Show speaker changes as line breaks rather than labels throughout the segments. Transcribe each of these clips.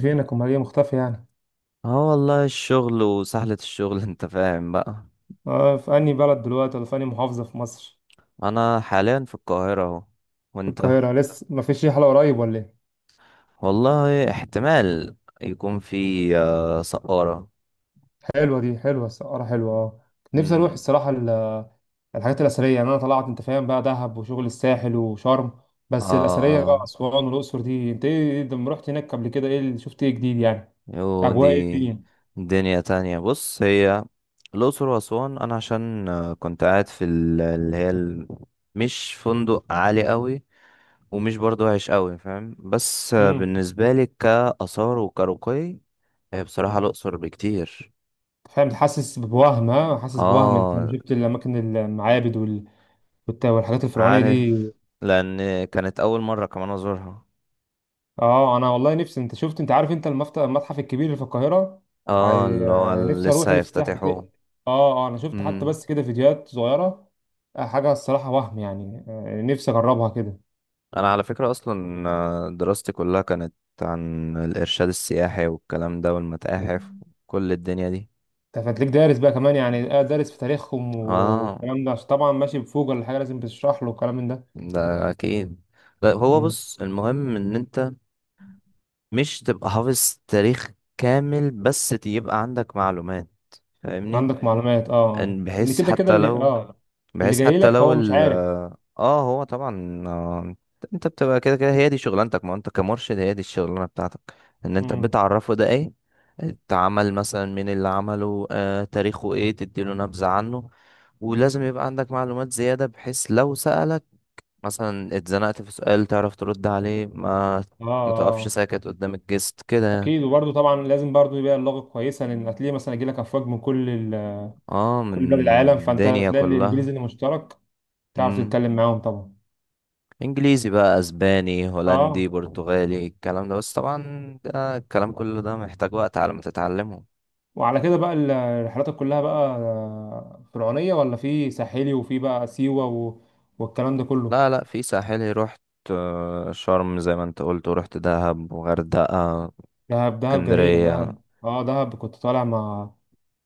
فينك امال ايه مختفي يعني؟
اه، والله الشغل وسهلة الشغل انت فاهم بقى.
آه، في انهي بلد دلوقتي، ولا في انهي محافظه في مصر؟
انا حاليا في القاهرة اهو.
في
وانت؟
القاهره؟ لسه ما فيش رحله قريب ولا ايه؟
والله احتمال يكون في سقارة.
حلوه، دي حلوه، السفاره حلوه، اه. نفسي اروح
امم.
الصراحه الحاجات الاثريه يعني. انا طلعت، انت فاهم بقى، دهب وشغل الساحل وشرم،
اه.
بس الاثريه بقى
اه.
اسوان والاقصر دي. انت ايه لما رحت هناك قبل كده؟ ايه اللي شفت؟ ايه جديد يعني؟
يو
اجواء ايه
دي.
الدنيا؟
دنيا تانية. بص، هي الأقصر وأسوان، أنا عشان كنت قاعد في مش فندق عالي قوي، ومش برضو وحش قوي، فاهم، بس
امم
بالنسبة لي كآثار وكرقي هي بصراحة الأقصر بكتير.
فاهم. حاسس بوهم، ها؟ حاسس بوهم انت لما
اه،
شفت الاماكن، المعابد والحاجات الفرعونيه دي؟
عارف، لان كانت اول مرة كمان ازورها.
اه، انا والله نفسي. انت شفت، انت عارف، انت المتحف الكبير اللي في القاهره؟
اه،
عاي...
اللي هو
آه، نفسي اروح
لسه
الافتتاح بتاع.
هيفتتحوه.
اه اه، انا شفت حتى
امم.
بس كده فيديوهات صغيره. حاجه الصراحه وهم يعني، نفسي اجربها كده.
انا على فكرة اصلا دراستي كلها كانت عن الارشاد السياحي والكلام ده والمتاحف وكل الدنيا دي.
انت فتلاقيك دارس بقى كمان يعني، دارس في تاريخهم
اه،
والكلام ده، عشان طبعا ماشي بفوق ولا حاجه، لازم بتشرح له الكلام من ده.
ده اكيد. لا، هو
مم.
بص، المهم ان انت مش تبقى حافظ تاريخ كامل، بس يبقى عندك معلومات، فاهمني،
عندك معلومات، اه آه.
ان
ان
بحيث
كده كده
حتى
اللي
لو
اه، اللي
بحيث
جاي
حتى
لك
لو
هو مش
ال
عارف.
اه، هو طبعا، انت بتبقى كده كده هي دي شغلانتك، ما انت كمرشد هي دي الشغلانه بتاعتك، ان انت
امم.
بتعرفه ده ايه اتعمل، مثلا مين اللي عمله، تاريخه ايه، تديله نبذه عنه. ولازم يبقى عندك معلومات زياده، بحيث لو سألك مثلا، اتزنقت في سؤال تعرف ترد عليه، ما
اه
متقفش
اه،
ساكت قدام الجست كده يعني.
اكيد. وبرده طبعا لازم برضه يبقى اللغه كويسه، لان هتلاقي مثلا يجي لك افواج من كل
اه، من
كل بلاد العالم، فانت
الدنيا
تلاقي الانجليزي
كلها.
اللي مشترك تعرف تتكلم معاهم طبعا.
انجليزي بقى، اسباني، هولندي،
اه.
برتغالي، الكلام ده، بس طبعا ده الكلام كله ده محتاج وقت على ما تتعلمه.
وعلى كده بقى الرحلات كلها بقى، فرعونية، ولا في ساحلي، وفي بقى سيوة والكلام ده كله.
لا لا، في ساحلي رحت شرم زي ما انت قلت، ورحت دهب وغردقة،
دهب، دهب جميل
اسكندرية.
دهب. اه، دهب كنت طالع مع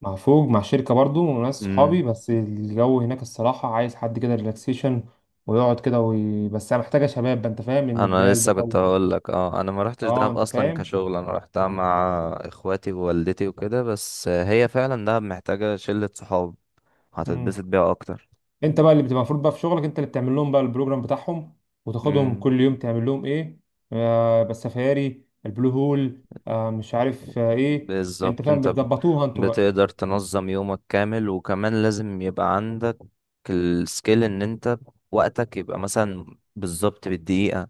مع فوج، مع شركة برضو وناس صحابي،
امم.
بس الجو هناك الصراحة عايز حد كده ريلاكسيشن ويقعد كده بس أنا محتاجة شباب بقى، انت فاهم، ان
انا
جبال
لسه
بقى
كنت هقول لك، انا ما رحتش
اه
دهب
انت
اصلا
فاهم.
كشغل، انا رحتها مع اخواتي ووالدتي وكده، بس هي فعلا دهب محتاجة شلة صحاب
مم.
هتتبسط بيها اكتر.
انت بقى اللي بتبقى المفروض بقى في شغلك، انت اللي بتعمل لهم بقى البروجرام بتاعهم وتاخدهم
امم.
كل يوم تعمل لهم ايه، آه، بس سفاري، البلو هول، آه، مش عارف آه ايه، انت
بالظبط.
فاهم، بتظبطوها انتوا بقى.
بتقدر تنظم يومك كامل، وكمان لازم يبقى عندك السكيل ان انت وقتك يبقى مثلا بالظبط بالدقيقة،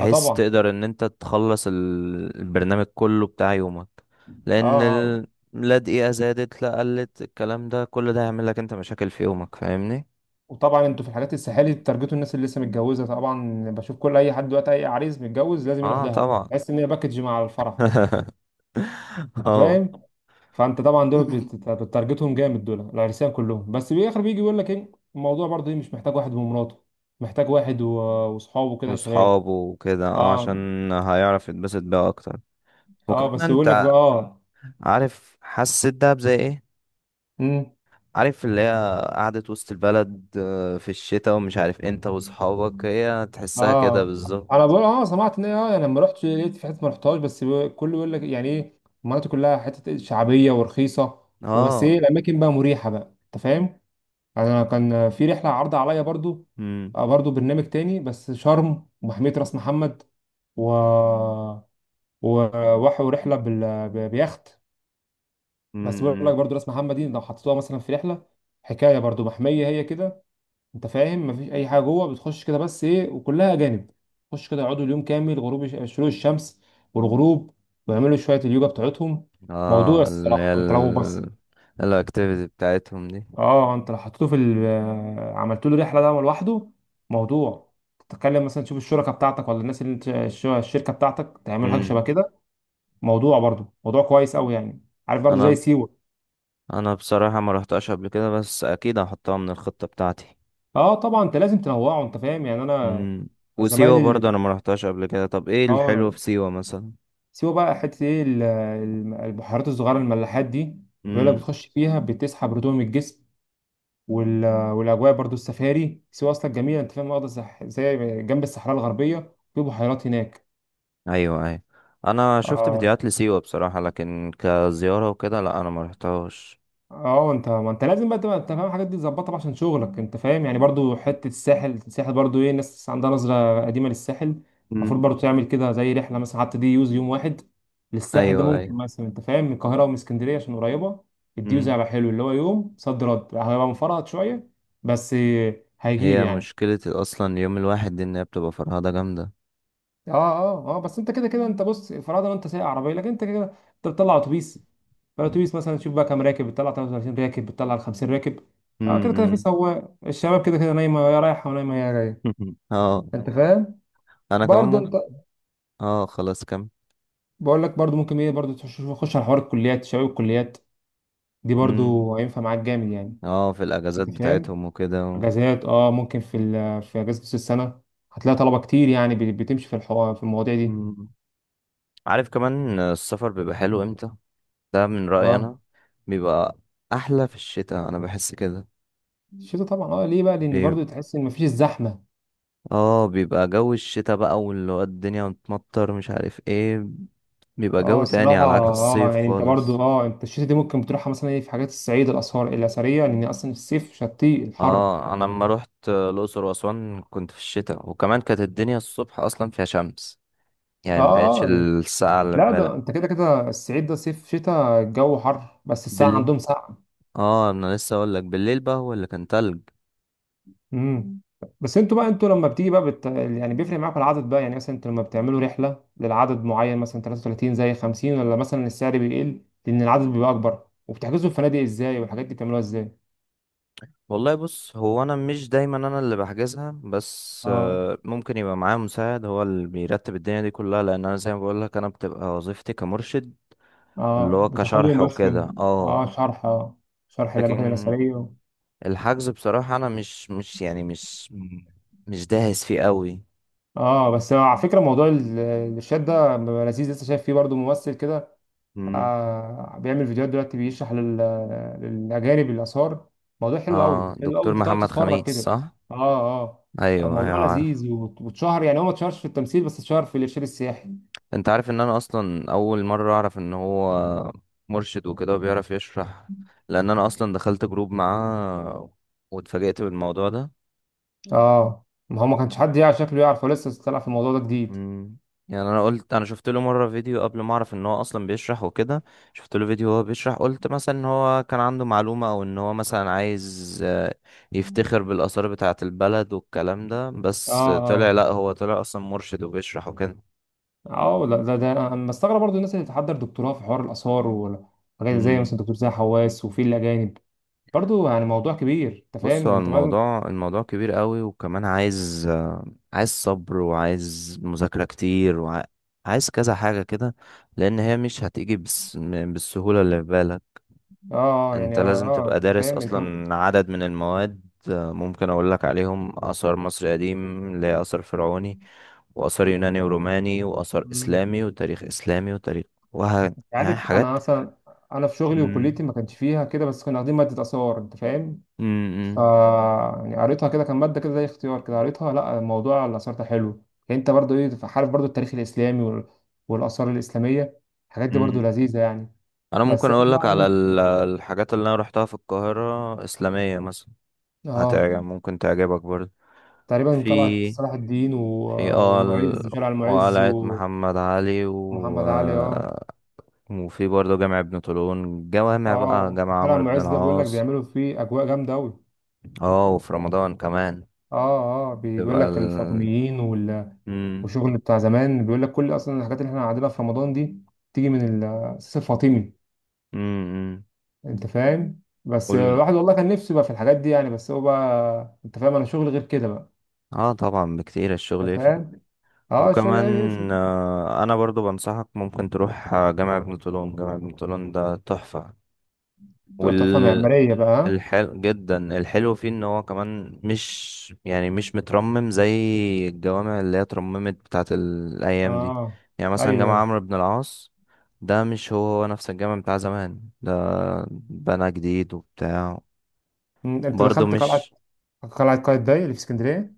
اه طبعا.
تقدر ان انت تخلص البرنامج كله بتاع يومك،
اه
لان
اه.
ال... لا دقيقة زادت لا قلت، الكلام ده كل ده هيعمل لك انت مشاكل في يومك، فاهمني.
وطبعا انتوا في الحاجات الساحلي بتارجتوا الناس اللي لسه متجوزه، طبعا بشوف كل اي حد دلوقتي، اي عريس متجوز لازم يروح
اه
دهب،
طبعا.
بحس ان هي باكج مع الفرح، انت
اه،
فاهم. فانت طبعا دول بتارجتهم جامد، دول العرسان كلهم، بس في الاخر بيجي يقول لك ايه الموضوع، برضه إيه، مش محتاج واحد ومراته، محتاج واحد واصحابه كده، شباب.
وصحابه وكده،
اه
عشان هيعرف يتبسط بيها اكتر.
اه، بس
وكمان
يقول لك بقى اه.
عارف حسيت دهب زي ايه؟
امم.
عارف اللي هي قعدة وسط البلد في الشتاء ومش عارف، انت وصحابك هي تحسها كده
اه، انا
بالظبط.
بقول، اه سمعت ان إيه، اه يعني لما رحت لقيت في حته ما رحتهاش، بس كله يقول لك يعني ايه، المناطق كلها حته شعبيه ورخيصه، وبس
اه.
ايه الاماكن بقى مريحه بقى، انت فاهم. انا كان في رحله عرض عليا برضو،
امم.
برضو برنامج تاني بس شرم ومحميه راس محمد، و وراحوا رحله بيخت. بس بيقول لك
امم.
برضو راس محمد دي لو حطيتوها مثلا في رحله، حكايه برضو، محميه هي كده، انت فاهم، مفيش اي حاجه جوه، بتخش كده بس ايه، وكلها اجانب، تخش كده يقعدوا اليوم كامل، غروب شروق الشمس والغروب، ويعملوا شويه اليوجا بتاعتهم. موضوع
اه اللي هي
الصراحه انت لو بس،
ال الاكتيفيتي بتاعتهم دي.
اه انت لو حطيته في ال... آه، عملت له رحله ده لوحده، موضوع تتكلم مثلا تشوف الشركه بتاعتك، ولا الناس اللي انت الشركه بتاعتك تعمل حاجه شبه
امم.
كده، موضوع برضو، موضوع كويس قوي يعني. عارف برضو زي
انا
سيوه؟
انا بصراحة ما رحتهاش قبل كده، بس اكيد هحطها من الخطة بتاعتي.
اه طبعا، انت لازم تنوعه انت فاهم يعني. انا
امم. وسيوة
زمايلي
برضه
اللي
انا ما رحتهاش قبل كده. طب ايه الحلو
اه،
في سيوة مثلا؟
سيوه بقى، حته ايه البحيرات الصغيره الملاحات دي، بيقول لك بتخش فيها بتسحب رطوبه من الجسم، وال... والاجواء برضو. السفاري سيوه اصلا جميله، انت فاهم، واخده زي جنب الصحراء الغربيه، في بحيرات هناك.
ايوه ايوه، انا شفت
اه
فيديوهات لسيوة بصراحة، لكن كزيارة وكده لا انا ما رحتهاش.
اه. انت ما انت لازم بقى تبقى، انت فاهم، الحاجات دي تظبطها بقى عشان شغلك انت فاهم يعني. برضو حته الساحل، الساحل برضو ايه، ناس عندها نظره قديمه للساحل. المفروض
مم.
برضو تعمل كده زي رحله مثلا، حتى دي يوز يوم واحد للساحل، ده
ايوه ايوه.
ممكن مثلا انت فاهم من القاهره ومن اسكندريه عشان قريبه. الديوز
مم.
هيبقى حلو، اللي هو يوم صد رد هيبقى مفرهد شويه. بس هيجيب
هي
يعني.
مشكلة اصلا اليوم الواحد دي ان هي بتبقى فرهدة جامدة.
اه اه اه، بس انت كده كده، انت بص، فرضا انت سايق عربيه، لكن انت كده انت بتطلع اتوبيس، فالاتوبيس مثلا تشوف بقى كام راكب، بتطلع 33 راكب، بتطلع 50 راكب.
مم.
اه كده كده في
مم.
سواق، الشباب كده كده نايمه يا رايحه ونايمه يا جايه،
اه.
انت فاهم.
انا كمان
برضو
ممكن.
انت
اه، خلاص كم.
بقول لك برضو ممكن ايه، برضو تخش تخش على حوار الكليات، شباب الكليات دي
مم.
برضو هينفع معاك جامد يعني،
اه، في الاجازات
انت فاهم.
بتاعتهم وكده و...
اجازات، اه ممكن في اجازه نص السنه، هتلاقي طلبه كتير يعني بتمشي في الحوار في المواضيع دي.
مم. عارف كمان السفر بيبقى حلو امتى؟ ده من رأيي
اه
انا. بيبقى احلى في الشتاء، انا بحس كده.
الشتا طبعا، اه ليه بقى، لان برضو تحس ان مفيش الزحمه.
اه، بيبقى جو الشتاء بقى، واللي هو الدنيا متمطر مش عارف ايه، بيبقى
اه جدا
جو تاني
الصراحة،
على
بصراحة
عكس
اه
الصيف
يعني، انت برضو
خالص.
اه، انت الشتا دي ممكن تروحها مثلا ايه في حاجات الصعيد، الآثار الأثرية، لأن أصلا الصيف شتي الحر.
اه، انا لما روحت الاقصر واسوان كنت في الشتاء، وكمان كانت الدنيا الصبح اصلا فيها شمس،
اه
يعني ما كانتش
اه.
الساعه اللي في
لا ده،
بالك.
انت كده كده الصعيد، ده صيف شتاء الجو حر، بس الساعة
بال
عندهم ساعة.
اه، انا لسه اقول لك بالليل بقى هو اللي كان تلج.
امم. بس انتوا بقى، انتوا لما بتيجي بقى يعني بيفرق معاكم العدد بقى يعني؟ مثلا انتوا لما بتعملوا رحلة للعدد معين، مثلا 33 زي 50، ولا مثلا السعر بيقل لأن العدد بيبقى أكبر؟ وبتحجزوا الفنادق ازاي؟ والحاجات دي بتعملوها ازاي؟
والله بص، هو انا مش دايما انا اللي بحجزها، بس
اه.
ممكن يبقى معايا مساعد هو اللي بيرتب الدنيا دي كلها، لان انا زي ما بقول لك، انا بتبقى وظيفتي كمرشد، اللي
اه
هو كشرح
بتاخدهم بس
وكده
اه
اه.
شرح، اه شرح الاماكن
لكن
الاثريه.
الحجز بصراحة، أنا مش يعني مش مم. مش داهس فيه قوي.
اه بس على فكره، موضوع الارشاد ده بيبقى لذيذ. لسه شايف فيه برضو ممثل كده،
مم.
آه، بيعمل فيديوهات دلوقتي، بيشرح للاجانب الاثار. موضوع حلو قوي،
اه،
حلو قوي،
دكتور
انت تقعد
محمد
تتفرج
خميس
كده.
صح؟
اه. اه.
ايوه ايوه،
موضوع
عارف.
لذيذ واتشهر يعني، هو ما اتشهرش في التمثيل بس اتشهر في الارشاد السياحي.
انت عارف ان انا اصلا اول مره اعرف ان هو مرشد وكده وبيعرف يشرح، لان انا اصلا دخلت جروب معاه واتفاجئت بالموضوع ده.
اه، ما هو ما كانش حد يعرف شكله يعرف، هو لسه طلع في الموضوع ده جديد.
مم. يعني انا قلت، انا شفت له مره فيديو قبل ما اعرف ان هو اصلا بيشرح وكده، شفت له فيديو وهو بيشرح، قلت مثلا ان هو كان عنده معلومه، او ان هو مثلا عايز يفتخر بالاثار بتاعه البلد والكلام ده،
اه
بس طلع
اه
لا، هو طلع اصلا مرشد وبيشرح وكده.
اه. لا ده, ده انا مستغرب برضو الناس اللي تحضر دكتوراه في حوار الاثار وحاجات، زي
مم.
مثلا دكتور زي حواس، وفي الاجانب برضو يعني. موضوع كبير انت
بص،
فاهم
هو
انت ما.
الموضوع كبير قوي، وكمان عايز عايز صبر وعايز مذاكره كتير وعايز كذا حاجه كده، لان هي مش هتيجي بالسهوله اللي في بالك.
اه، يعني
انت
اه.
لازم تبقى
انت
دارس
فاهم انت.
اصلا عدد من المواد، ممكن اقول لك عليهم: اثار مصر قديم اللي هي اثر فرعوني، واثار يوناني وروماني، واثار
مم.
اسلامي وتاريخ اسلامي وتاريخ
انت
يعني
عارف، انا
حاجات.
مثلا انا في شغلي
مم.
وكليتي ما كانش فيها كده، بس كنا واخدين ماده اثار، انت فاهم.
مم.
ف
مم.
يعني قريتها كده، كان ماده كده زي اختيار كده، قريتها. لا موضوع الاثار ده حلو يعني، انت برضو ايه، عارف برضو، التاريخ الاسلامي والاثار الاسلاميه، الحاجات دي برضو
مم.
لذيذه يعني.
انا
بس
ممكن
احنا
اقول
بقى
لك على
يعني
الحاجات اللي انا روحتها في القاهرة اسلامية مثلا،
اه.
هتعجب، ممكن تعجبك برضه.
تقريبا طلعت
في
صلاح الدين
في
والمعز، شارع المعز،
وقلعة
ومحمد
محمد علي و...
علي. اه
وفي برضه جامع ابن طولون، جوامع بقى،
اه،
جامع
شارع
عمرو بن
المعز ده بيقول لك
العاص.
بيعملوا فيه اجواء جامده قوي.
اه، وفي رمضان كمان
اه اه، بيقول
بتبقى
لك
ال
الفاطميين
مم.
والشغل بتاع زمان. بيقول لك كل اصلا الحاجات اللي احنا قاعدينها في رمضان دي تيجي من الاساس الفاطمي،
مم. مم.
انت فاهم. بس
قول.
الواحد والله كان نفسه بقى في الحاجات دي يعني، بس هو بقى انت فاهم، انا شغل غير كده بقى،
اه طبعا، بكتير الشغل
انت
يفرق.
فاهم. اه الشغل
وكمان
إيه؟
آه انا برضو بنصحك، ممكن تروح جامع ابن طولون. جامع ابن طولون ده تحفة. وال
تحفه معماريه بقى، ها؟
الحل جدا، الحلو فيه ان هو كمان مش مترمم زي الجوامع اللي هي اترممت بتاعت الايام دي.
اه.
يعني مثلا
ايوه
جامع
ايوه.
عمرو بن العاص ده مش هو هو نفس الجامع بتاع زمان ده، بنى جديد وبتاع.
أمم، انت
برضه
دخلت قلعه،
مش
قلعة قايتباي اللي في اسكندرية؟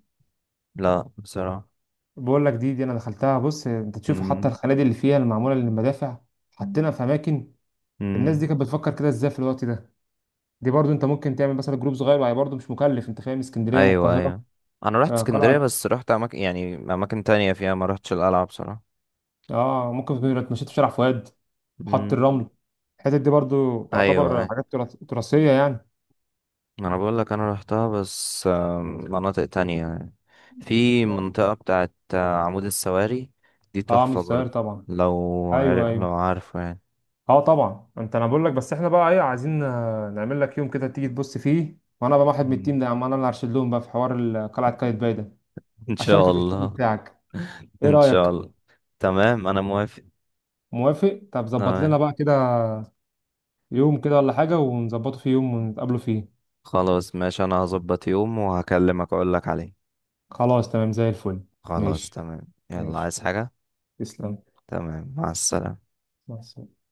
لا بصراحة.
بقول لك دي، دي أنا دخلتها. بص، أنت تشوف حتى
مم.
الخنادق اللي فيها المعمولة للمدافع حاطينها في أماكن. الناس دي
مم.
كانت بتفكر كده إزاي في الوقت ده؟ دي برضو أنت ممكن تعمل مثلا جروب صغير، وهي برضو مش مكلف، أنت فاهم، اسكندرية من
ايوه
القاهرة.
ايوه، انا رحت
آه
اسكندرية،
قلعة.
بس رحت اماكن يعني اماكن تانية فيها، ما رحتش القلعة بصراحة.
آه ممكن تبقى اتمشيت في شارع فؤاد، حط
مم.
الرمل، الحتت دي برضو
ايوه
تعتبر
ايوه.
حاجات تراثية يعني.
ما انا بقول لك انا رحتها، بس مناطق تانية يعني. في منطقة بتاعت عمود السواري، دي
آه عامل
تحفة
السيار
برضه.
طبعا.
لو
أيوه
لو
أيوه.
عارفه يعني.
اه طبعا انت، انا بقول لك بس احنا بقى ايه، عايزين نعمل لك يوم كده تيجي تبص فيه، وانا بقى واحد من
مم.
التيم ده يا عم، انا اللي هرشد لهم بقى في حوار قلعه قايتباي ده،
ان شاء
اشاركك الشغل
الله.
بتاعك. ايه
ان شاء
رايك؟
الله. تمام انا موافق.
موافق؟ طب ظبط
تمام.
لنا بقى كده يوم كده ولا حاجه، ونظبطه في يوم ونتقابلوا فيه.
خلاص ماشي، انا هظبط يوم وهكلمك اقول لك عليه.
خلاص تمام زي الفل.
خلاص
ماشي،
تمام. يلا
ماشي.
عايز حاجة.
تسلم.
تمام، مع السلامة.
مع السلامة.